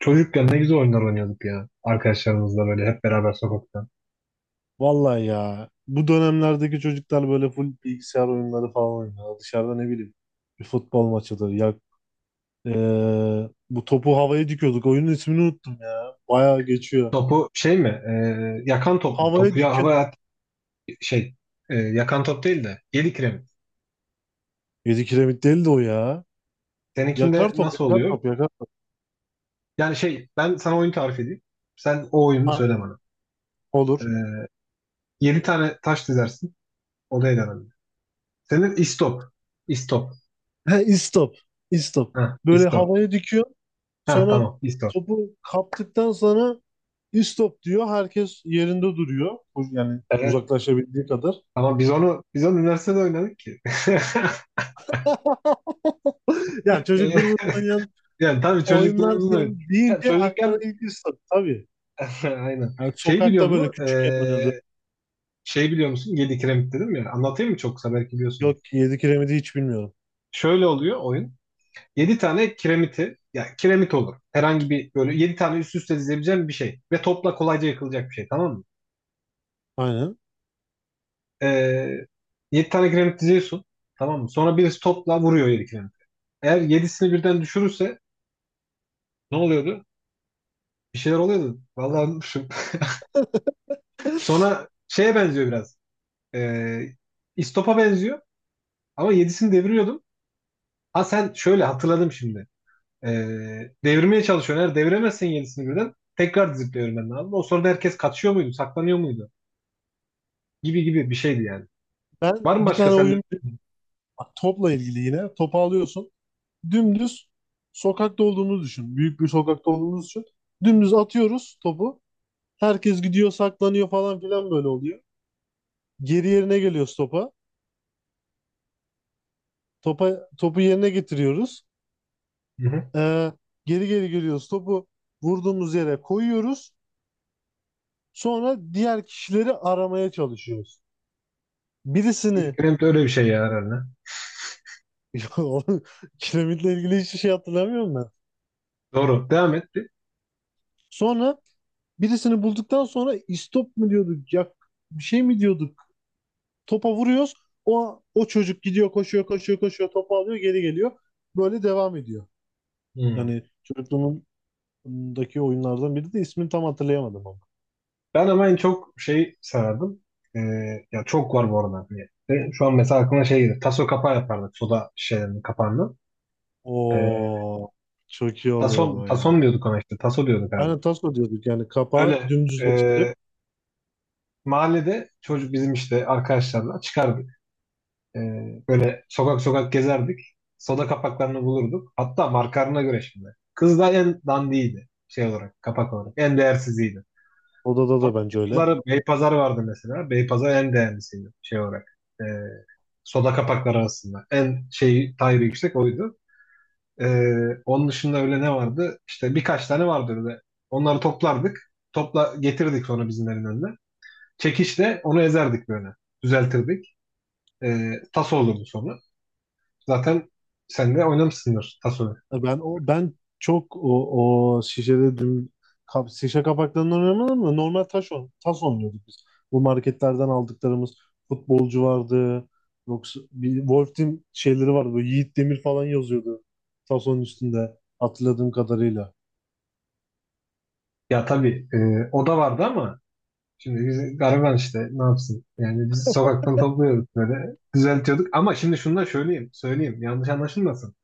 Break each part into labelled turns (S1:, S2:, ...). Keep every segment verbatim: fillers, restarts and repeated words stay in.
S1: Çocukken ne güzel oyunlar oynuyorduk ya. Arkadaşlarımızla böyle hep beraber sokakta.
S2: Vallahi ya bu dönemlerdeki çocuklar böyle full bilgisayar oyunları falan oynuyor. Dışarıda ne bileyim bir futbol maçıdır. Ya eee, bu topu havaya dikiyorduk. Oyunun ismini unuttum ya. Bayağı geçiyor.
S1: Topu şey mi? E, yakan top mu?
S2: Havaya
S1: Topu ya havaya
S2: dikin.
S1: at- şey e, Yakan top değil de yedi kiremit.
S2: Yedi kiremit değil de o ya. Yakar
S1: Seninkinde
S2: top,
S1: nasıl
S2: yakar
S1: oluyor?
S2: top, yakar top.
S1: Yani şey ben sana oyun tarif edeyim. Sen o oyunu
S2: Ha,
S1: söyle bana.
S2: olur.
S1: E, Yedi tane taş dizersin. Odaya dönelim. Senin istop. İstop.
S2: He, istop. İstop.
S1: Ha,
S2: Böyle
S1: istop.
S2: havaya dikiyor.
S1: Ha,
S2: Sonra
S1: tamam istop.
S2: topu kaptıktan sonra istop diyor. Herkes yerinde duruyor. Yani
S1: Evet.
S2: uzaklaşabildiği kadar.
S1: Ama biz onu biz onu üniversitede oynadık ki.
S2: Ya
S1: Yani,
S2: çocukluğumuz oynayan
S1: yani tabii
S2: oyunlar
S1: çocukluğumuzda
S2: yani
S1: oynadık. Ya
S2: deyince aklına
S1: çocukken.
S2: ilk ısır tabii.
S1: Aynen.
S2: Yani
S1: Şey biliyor
S2: sokakta böyle
S1: musun?
S2: küçükken oynadı.
S1: Ee, şey biliyor musun? Yedi kiremit dedim ya. Anlatayım mı çok kısa? Belki biliyorsunuz.
S2: Yok ki yedi kiremidi hiç bilmiyorum.
S1: Şöyle oluyor oyun. Yedi tane kiremiti, ya kiremit olur. Herhangi bir böyle yedi tane üst üste dizebileceğin bir şey. Ve topla kolayca yıkılacak bir şey. Tamam mı?
S2: Aynen.
S1: Ee, yedi tane kiremit diziyorsun. Tamam mı? Sonra birisi topla vuruyor yedi kiremit. Eğer yedisini birden düşürürse ne oluyordu? Bir şeyler oluyordu. Vallahi unutmuşum. Sonra şeye benziyor biraz. Ee, İstop'a benziyor. Ama yedisini deviriyordum. Ha, sen şöyle hatırladım şimdi. Ee, devirmeye çalışıyorsun. Eğer deviremezsen yedisini birden tekrar dizip devirmen lazım. O sırada herkes kaçıyor muydu, saklanıyor muydu? Gibi gibi bir şeydi yani.
S2: Ben
S1: Var mı
S2: bir
S1: başka
S2: tane
S1: sende?
S2: oyun bak, topla ilgili yine. Topu alıyorsun. Dümdüz sokakta olduğumuzu düşün. Büyük bir sokakta olduğumuzu düşün. Dümdüz atıyoruz topu. Herkes gidiyor saklanıyor falan filan böyle oluyor. Geri yerine geliyoruz topa. Topa, topu yerine getiriyoruz.
S1: Hı hı.
S2: Ee, geri geri geliyoruz. Topu vurduğumuz yere koyuyoruz. Sonra diğer kişileri aramaya çalışıyoruz. Birisini.
S1: İlk Rem'de öyle bir şey ya herhalde.
S2: Kiremitle ilgili hiçbir şey hatırlamıyorum ben.
S1: Doğru. Devam et. Bir.
S2: Sonra birisini bulduktan sonra istop mu diyorduk, yak bir şey mi diyorduk? Topa vuruyoruz. O o çocuk gidiyor, koşuyor, koşuyor, koşuyor, topu alıyor, geri geliyor. Böyle devam ediyor.
S1: Hı.
S2: Yani çocukluğumdaki oyunlardan biri de ismini tam hatırlayamadım ama.
S1: Ben ama en çok şey sarardım. Ee, Ya çok var bu arada. Hani, e, şu an mesela aklıma şey gelir. Taso kapağı yapardık. Soda şişelerinin kapağından. Ee,
S2: Oo, çok iyi oluyordu
S1: Taso,
S2: o ya.
S1: tason diyorduk ona işte. Taso diyorduk herhalde.
S2: Aynen taso diyorduk yani kapağı
S1: Öyle.
S2: dümdüzleştirip
S1: e, Mahallede çocuk bizim işte arkadaşlarla çıkar. Ee, Böyle sokak sokak gezerdik. Soda kapaklarını bulurduk. Hatta markalarına göre şimdi. Kız da en dandiydi şey olarak, kapak olarak. En değersiziydi.
S2: odada da bence
S1: Sonra
S2: öyle.
S1: Beypazarı, Beypazarı vardı mesela. Beypazarı en değerlisiydi şey olarak. Ee, soda kapakları arasında. En şey tayri yüksek oydu. Ee, Onun dışında öyle ne vardı? İşte birkaç tane vardı öyle. Onları toplardık. Topla getirdik sonra bizimlerin önüne. Çekişle onu ezerdik böyle. Düzeltirdik. Ee, tas olurdu sonra. Zaten sen de oynamışsındır Taso'yu.
S2: E, Ben o ben çok o, o şişede dün kap, şişe kapaklarından oynamadım da normal taş on, tas oynuyorduk biz. Bu marketlerden aldıklarımız futbolcu vardı. Yoksa bir Wolf Team şeyleri vardı. Böyle Yiğit Demir falan yazıyordu. Tasonun üstünde hatırladığım kadarıyla.
S1: Ya tabii e, o da vardı ama şimdi biz gariban işte ne yapsın? Yani biz sokaktan topluyorduk böyle düzeltiyorduk. Ama şimdi şunu da söyleyeyim, söyleyeyim yanlış anlaşılmasın.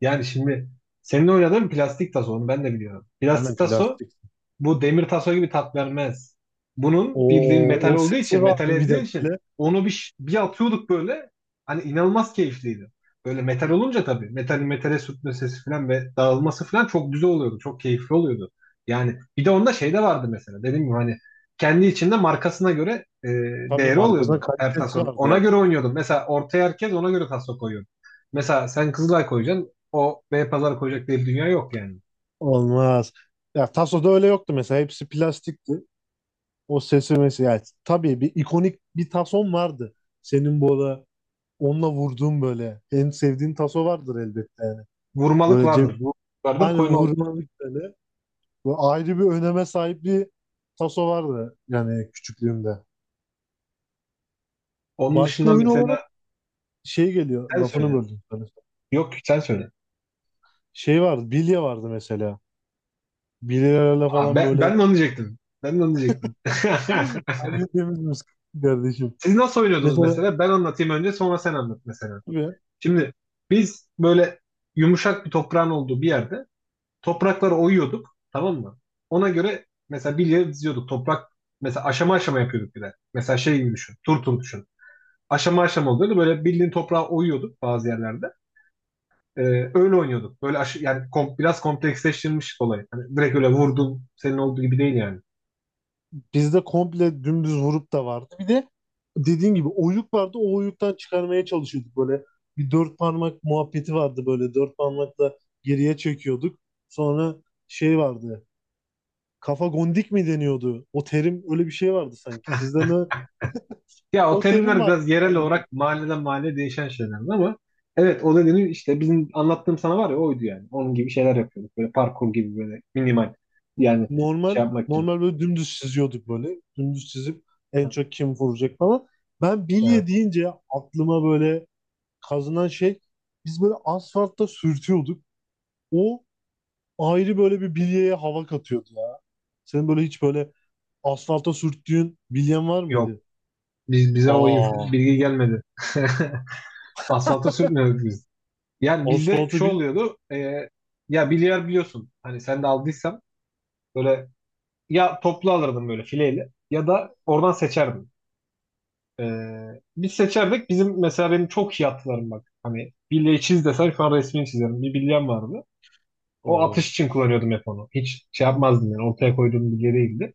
S1: Yani şimdi senin oynadığın plastik taso onu ben de biliyorum.
S2: Aynen
S1: Plastik taso
S2: plastik.
S1: bu demir taso gibi tat vermez. Bunun bildiğin
S2: O,
S1: metal
S2: o
S1: olduğu için,
S2: sesi vardı
S1: metal
S2: bir de
S1: ezdiği için
S2: böyle.
S1: onu bir, bir atıyorduk böyle. Hani inanılmaz keyifliydi. Böyle metal olunca tabii. Metalin metale sürtme sesi falan ve dağılması falan çok güzel oluyordu. Çok keyifli oluyordu. Yani bir de onda şey de vardı mesela. Dediğim gibi hani kendi içinde markasına göre e,
S2: Tabii
S1: değeri
S2: markasının
S1: oluyordu her
S2: kalitesi
S1: tasonun.
S2: vardı
S1: Ona
S2: yani.
S1: göre oynuyordum. Mesela ortaya herkes ona göre taso koyuyordu. Mesela sen Kızılay koyacaksın. O Beypazarı koyacak diye bir dünya yok yani.
S2: Olmaz. Ya Taso'da öyle yoktu mesela. Hepsi plastikti. O sesi mesela yani tabii bir ikonik bir tason vardı. Senin bu ara onunla vurduğun böyle en sevdiğin taso vardır elbette.
S1: Vurmalık
S2: Böyle cep,
S1: vardır. Vurmalık vardır.
S2: aynen
S1: Koyma
S2: vurmalık böyle. Bu ayrı bir öneme sahip bir taso vardı yani küçüklüğümde.
S1: onun
S2: Başka
S1: dışında
S2: oyun olarak
S1: mesela
S2: şey geliyor
S1: sen
S2: lafını
S1: söyle.
S2: böldüm sana.
S1: Yok sen söyle.
S2: Şey vardı, bilye vardı mesela. Bilyelerle
S1: Aa,
S2: falan
S1: ben,
S2: böyle.
S1: ben de onu diyecektim. Ben de onu diyecektim.
S2: Her birimiz kardeşim.
S1: Siz nasıl oynuyordunuz
S2: Mesela
S1: mesela? Ben anlatayım önce sonra sen anlat mesela. Şimdi biz böyle yumuşak bir toprağın olduğu bir yerde toprakları oyuyorduk, tamam mı? Ona göre mesela bilye diziyorduk. Toprak mesela aşama aşama yapıyorduk bir de. Mesela şey gibi düşün. Tur tur düşün. Aşama aşama oluyordu. Böyle bildiğin toprağı oyuyorduk bazı yerlerde. Ee, Öyle oynuyorduk. Böyle aşı, yani kom- biraz kompleksleştirilmiş olay. Hani direkt öyle vurdum senin olduğu gibi değil yani.
S2: bizde komple dümdüz vurup da vardı. Bir de dediğin gibi oyuk vardı. O oyuktan çıkarmaya çalışıyorduk böyle. Bir dört parmak muhabbeti vardı böyle. Dört parmakla geriye çekiyorduk. Sonra şey vardı. Kafa gondik mi deniyordu? O terim öyle bir şey vardı sanki. Sizde ne?
S1: Ya o
S2: O terim
S1: terimler
S2: vardı
S1: biraz yerel
S2: mahallede.
S1: olarak mahalleden mahalleye değişen şeyler ama evet o dediğini işte bizim anlattığım sana var ya oydu yani. Onun gibi şeyler yapıyorduk. Böyle parkur gibi böyle minimal yani şey
S2: Normal
S1: yapmak için.
S2: normal böyle dümdüz çiziyorduk böyle. Dümdüz çizip en
S1: Ha,
S2: çok kim vuracak falan. Ben bilye
S1: evet.
S2: deyince aklıma böyle kazınan şey, biz böyle asfaltta sürtüyorduk. O ayrı böyle bir bilyeye hava katıyordu ya. Senin böyle hiç böyle asfalta sürttüğün bilyen var
S1: Yok.
S2: mıydı?
S1: Biz, bize o
S2: Aa,
S1: inf- bilgi gelmedi. Asfalta sürtmüyorduk biz. Yani bizde şu
S2: asfalta bir...
S1: oluyordu. E, ya bilyar biliyorsun. Hani sen de aldıysan böyle ya toplu alırdım böyle fileyle ya da oradan seçerdim. Ee, Biz seçerdik. Bizim mesela benim çok iyi atlarım bak. Hani bilye çiz desen şu an resmini çizerim. Bir bilyem vardı. O
S2: Aa.
S1: atış için kullanıyordum hep onu. Hiç şey yapmazdım yani. Ortaya koyduğum bilye değildi.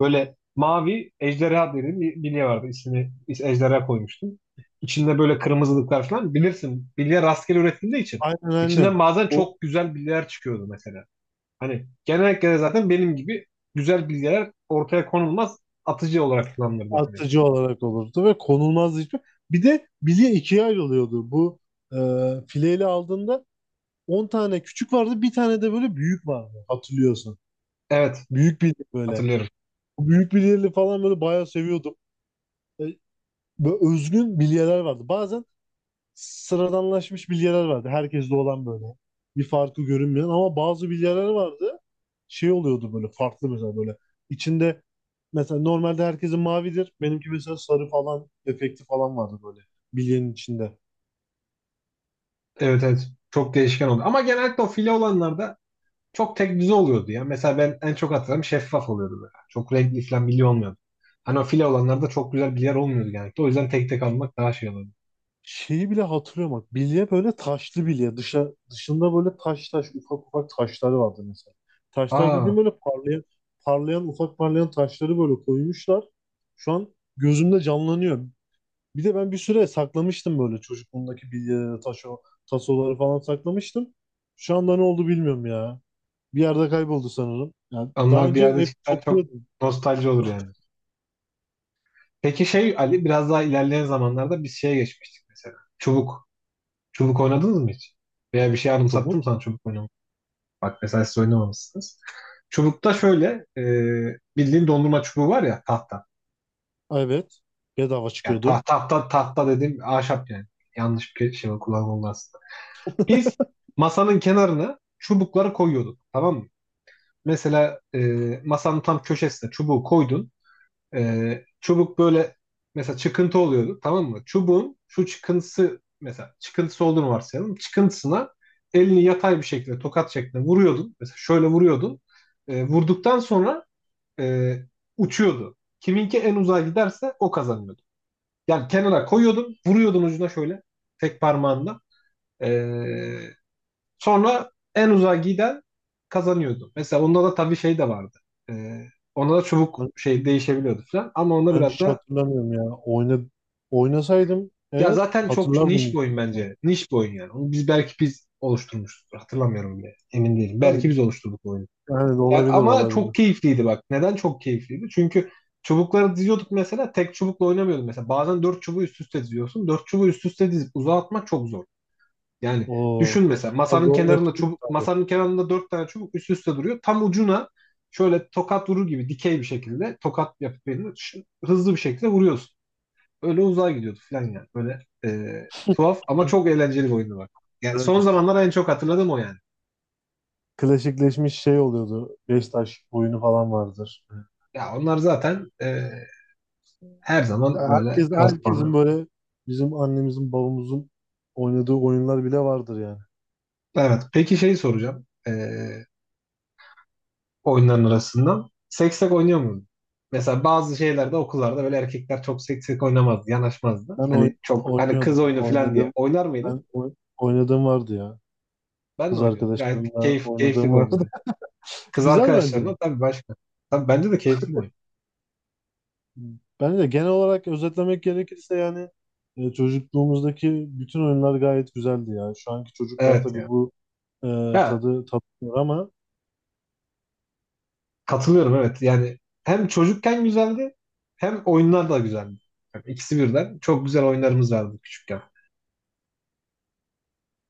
S1: Böyle mavi ejderha dediğim bir bilye vardı. İsmini is- ejderha koymuştum. İçinde böyle kırmızılıklar falan. Bilirsin bilye rastgele üretildiği için.
S2: Aynen aynen.
S1: İçinden bazen
S2: O
S1: çok güzel bilyeler çıkıyordu mesela. Hani genellikle zaten benim gibi güzel bilgiler ortaya konulmaz, atıcı olarak kullanılırdı hani.
S2: atıcı olarak olurdu ve konulmazdı hiçbir. Bir de bilye ikiye ayrılıyordu. Bu e, fileyle aldığında On tane küçük vardı, bir tane de böyle büyük vardı, hatırlıyorsun.
S1: Evet,
S2: Büyük bilye böyle.
S1: hatırlıyorum.
S2: Bu büyük bilyeli falan böyle bayağı seviyordum. E, Böyle özgün bilyeler vardı. Bazen sıradanlaşmış bilyeler vardı. Herkeste olan böyle. Bir farkı görünmeyen ama bazı bilyeler vardı. Şey oluyordu böyle farklı mesela böyle. İçinde mesela normalde herkesin mavidir. Benimki mesela sarı falan efekti falan vardı böyle bilyenin içinde.
S1: Evet, evet çok değişken oldu. Ama genellikle o file olanlarda çok tek düze oluyordu ya. Mesela ben en çok hatırlarım şeffaf oluyordu böyle. Çok renkli falan bilgi olmuyordu. Hani o file olanlarda çok güzel bilgiler olmuyordu genellikle. O yüzden tek tek almak daha şey oluyordu.
S2: Şeyi bile hatırlıyorum bak. Bilye böyle taşlı bilye. Dışa, dışında böyle taş taş ufak ufak taşları vardı mesela. Taşlar dediğim
S1: Aa,
S2: böyle parlayan parlayan ufak parlayan taşları böyle koymuşlar. Şu an gözümde canlanıyor. Bir de ben bir süre saklamıştım böyle çocukluğumdaki bilyeleri, taşo, tasoları falan saklamıştım. Şu anda ne oldu bilmiyorum ya. Bir yerde kayboldu sanırım. Yani daha
S1: onlar bir
S2: önce
S1: yerde
S2: hep
S1: çıksa çok
S2: topluyordum
S1: nostalji olur yani. Peki şey Ali, biraz daha ilerleyen zamanlarda biz şeye geçmiştik mesela. Çubuk. Çubuk oynadınız mı hiç? Veya bir şey
S2: çubuk.
S1: anımsattım sana çubuk oynamak. Bak mesela siz oynamamışsınız. Çubukta şöyle e, bildiğin dondurma çubuğu var ya, tahta.
S2: Evet. Bedava
S1: Yani ta-
S2: çıkıyordu.
S1: tahta tahta dediğim ahşap yani. Yanlış bir şey kullanıldı aslında. Biz masanın kenarına çubukları koyuyorduk. Tamam mı? Mesela e, masanın tam köşesine çubuğu koydun. Ee, çubuk böyle mesela çıkıntı oluyordu, tamam mı? Çubuğun şu çıkıntısı, mesela çıkıntısı olduğunu varsayalım. Çıkıntısına elini yatay bir şekilde tokat şeklinde vuruyordun. Mesela şöyle vuruyordun. Ee, vurduktan sonra e, uçuyordu. Kiminki en uzağa giderse o kazanıyordu. Yani kenara koyuyordun, vuruyordun ucuna şöyle tek parmağında. Ee, Sonra en uzağa giden kazanıyordu. Mesela onda da tabii şey de vardı. Ee, Ona da çubuk
S2: Ben,
S1: şey değişebiliyordu falan. Ama onda
S2: ben
S1: biraz
S2: hiç
S1: da
S2: hatırlamıyorum ya. Oyna, oynasaydım
S1: ya
S2: eğer
S1: zaten çok
S2: hatırlardım,
S1: niş bir
S2: yüksek
S1: oyun
S2: ihtimal.
S1: bence. Niş bir oyun yani. Onu biz belki biz oluşturmuşuzdur. Hatırlamıyorum bile. Emin değilim. Belki
S2: Tabii
S1: biz oluşturduk bu oyunu.
S2: yani de
S1: Yani
S2: olabilir,
S1: ama çok
S2: olabilir.
S1: keyifliydi bak. Neden çok keyifliydi? Çünkü çubukları diziyorduk mesela. Tek çubukla oynamıyorduk mesela. Bazen dört çubuğu üst üste diziyorsun. Dört çubuğu üst üste dizip uzağa atmak çok zor. Yani
S2: Oo.
S1: düşün mesela
S2: Ya
S1: masanın kenarında
S2: zorlaşıyor
S1: çubuk,
S2: tabii.
S1: masanın kenarında dört tane çubuk üst üste duruyor. Tam ucuna şöyle tokat vurur gibi dikey bir şekilde tokat yapıp elini ş- hızlı bir şekilde vuruyorsun, öyle uzağa gidiyordu falan yani. Böyle e, tuhaf ama çok eğlenceli bir oyundu bak. Yani son
S2: Güzelmiş.
S1: zamanlar en çok hatırladığım o yani.
S2: Klasikleşmiş şey oluyordu. Beş taş oyunu falan vardır.
S1: Ya onlar zaten e, her zaman böyle
S2: Herkes,
S1: klas
S2: herkesin
S1: puanı.
S2: böyle bizim annemizin babamızın oynadığı oyunlar bile vardır yani.
S1: Evet. Peki şeyi soracağım. E, oyunların arasından. Seksek oynuyor muydun? Mesela bazı şeylerde okullarda böyle erkekler çok seksek oynamazdı, yanaşmazdı.
S2: Ben oy-
S1: Hani çok hani kız
S2: oynuyordum ya.
S1: oyunu falan diye.
S2: Oynadığım,
S1: Oynar mıydın?
S2: ben oy- oynadığım vardı ya.
S1: Ben de
S2: Kız
S1: oynuyordum. Gayet
S2: arkadaşlarımla
S1: keyif, keyifli
S2: oynadığım
S1: bir oyun
S2: vardı.
S1: yani. Kız
S2: Güzel bence ya.
S1: arkadaşlarımla tabii başka. Tabii bence de keyifli bir oyun.
S2: Bence genel olarak özetlemek gerekirse yani e, çocukluğumuzdaki bütün oyunlar gayet güzeldi ya. Şu anki çocuklar
S1: Evet
S2: tabii
S1: ya.
S2: bu e,
S1: Ya,
S2: tadı tatmıyor ama
S1: katılıyorum, evet. Yani hem çocukken güzeldi hem oyunlar da güzeldi. Yani ikisi birden. Çok güzel oyunlarımız vardı küçükken.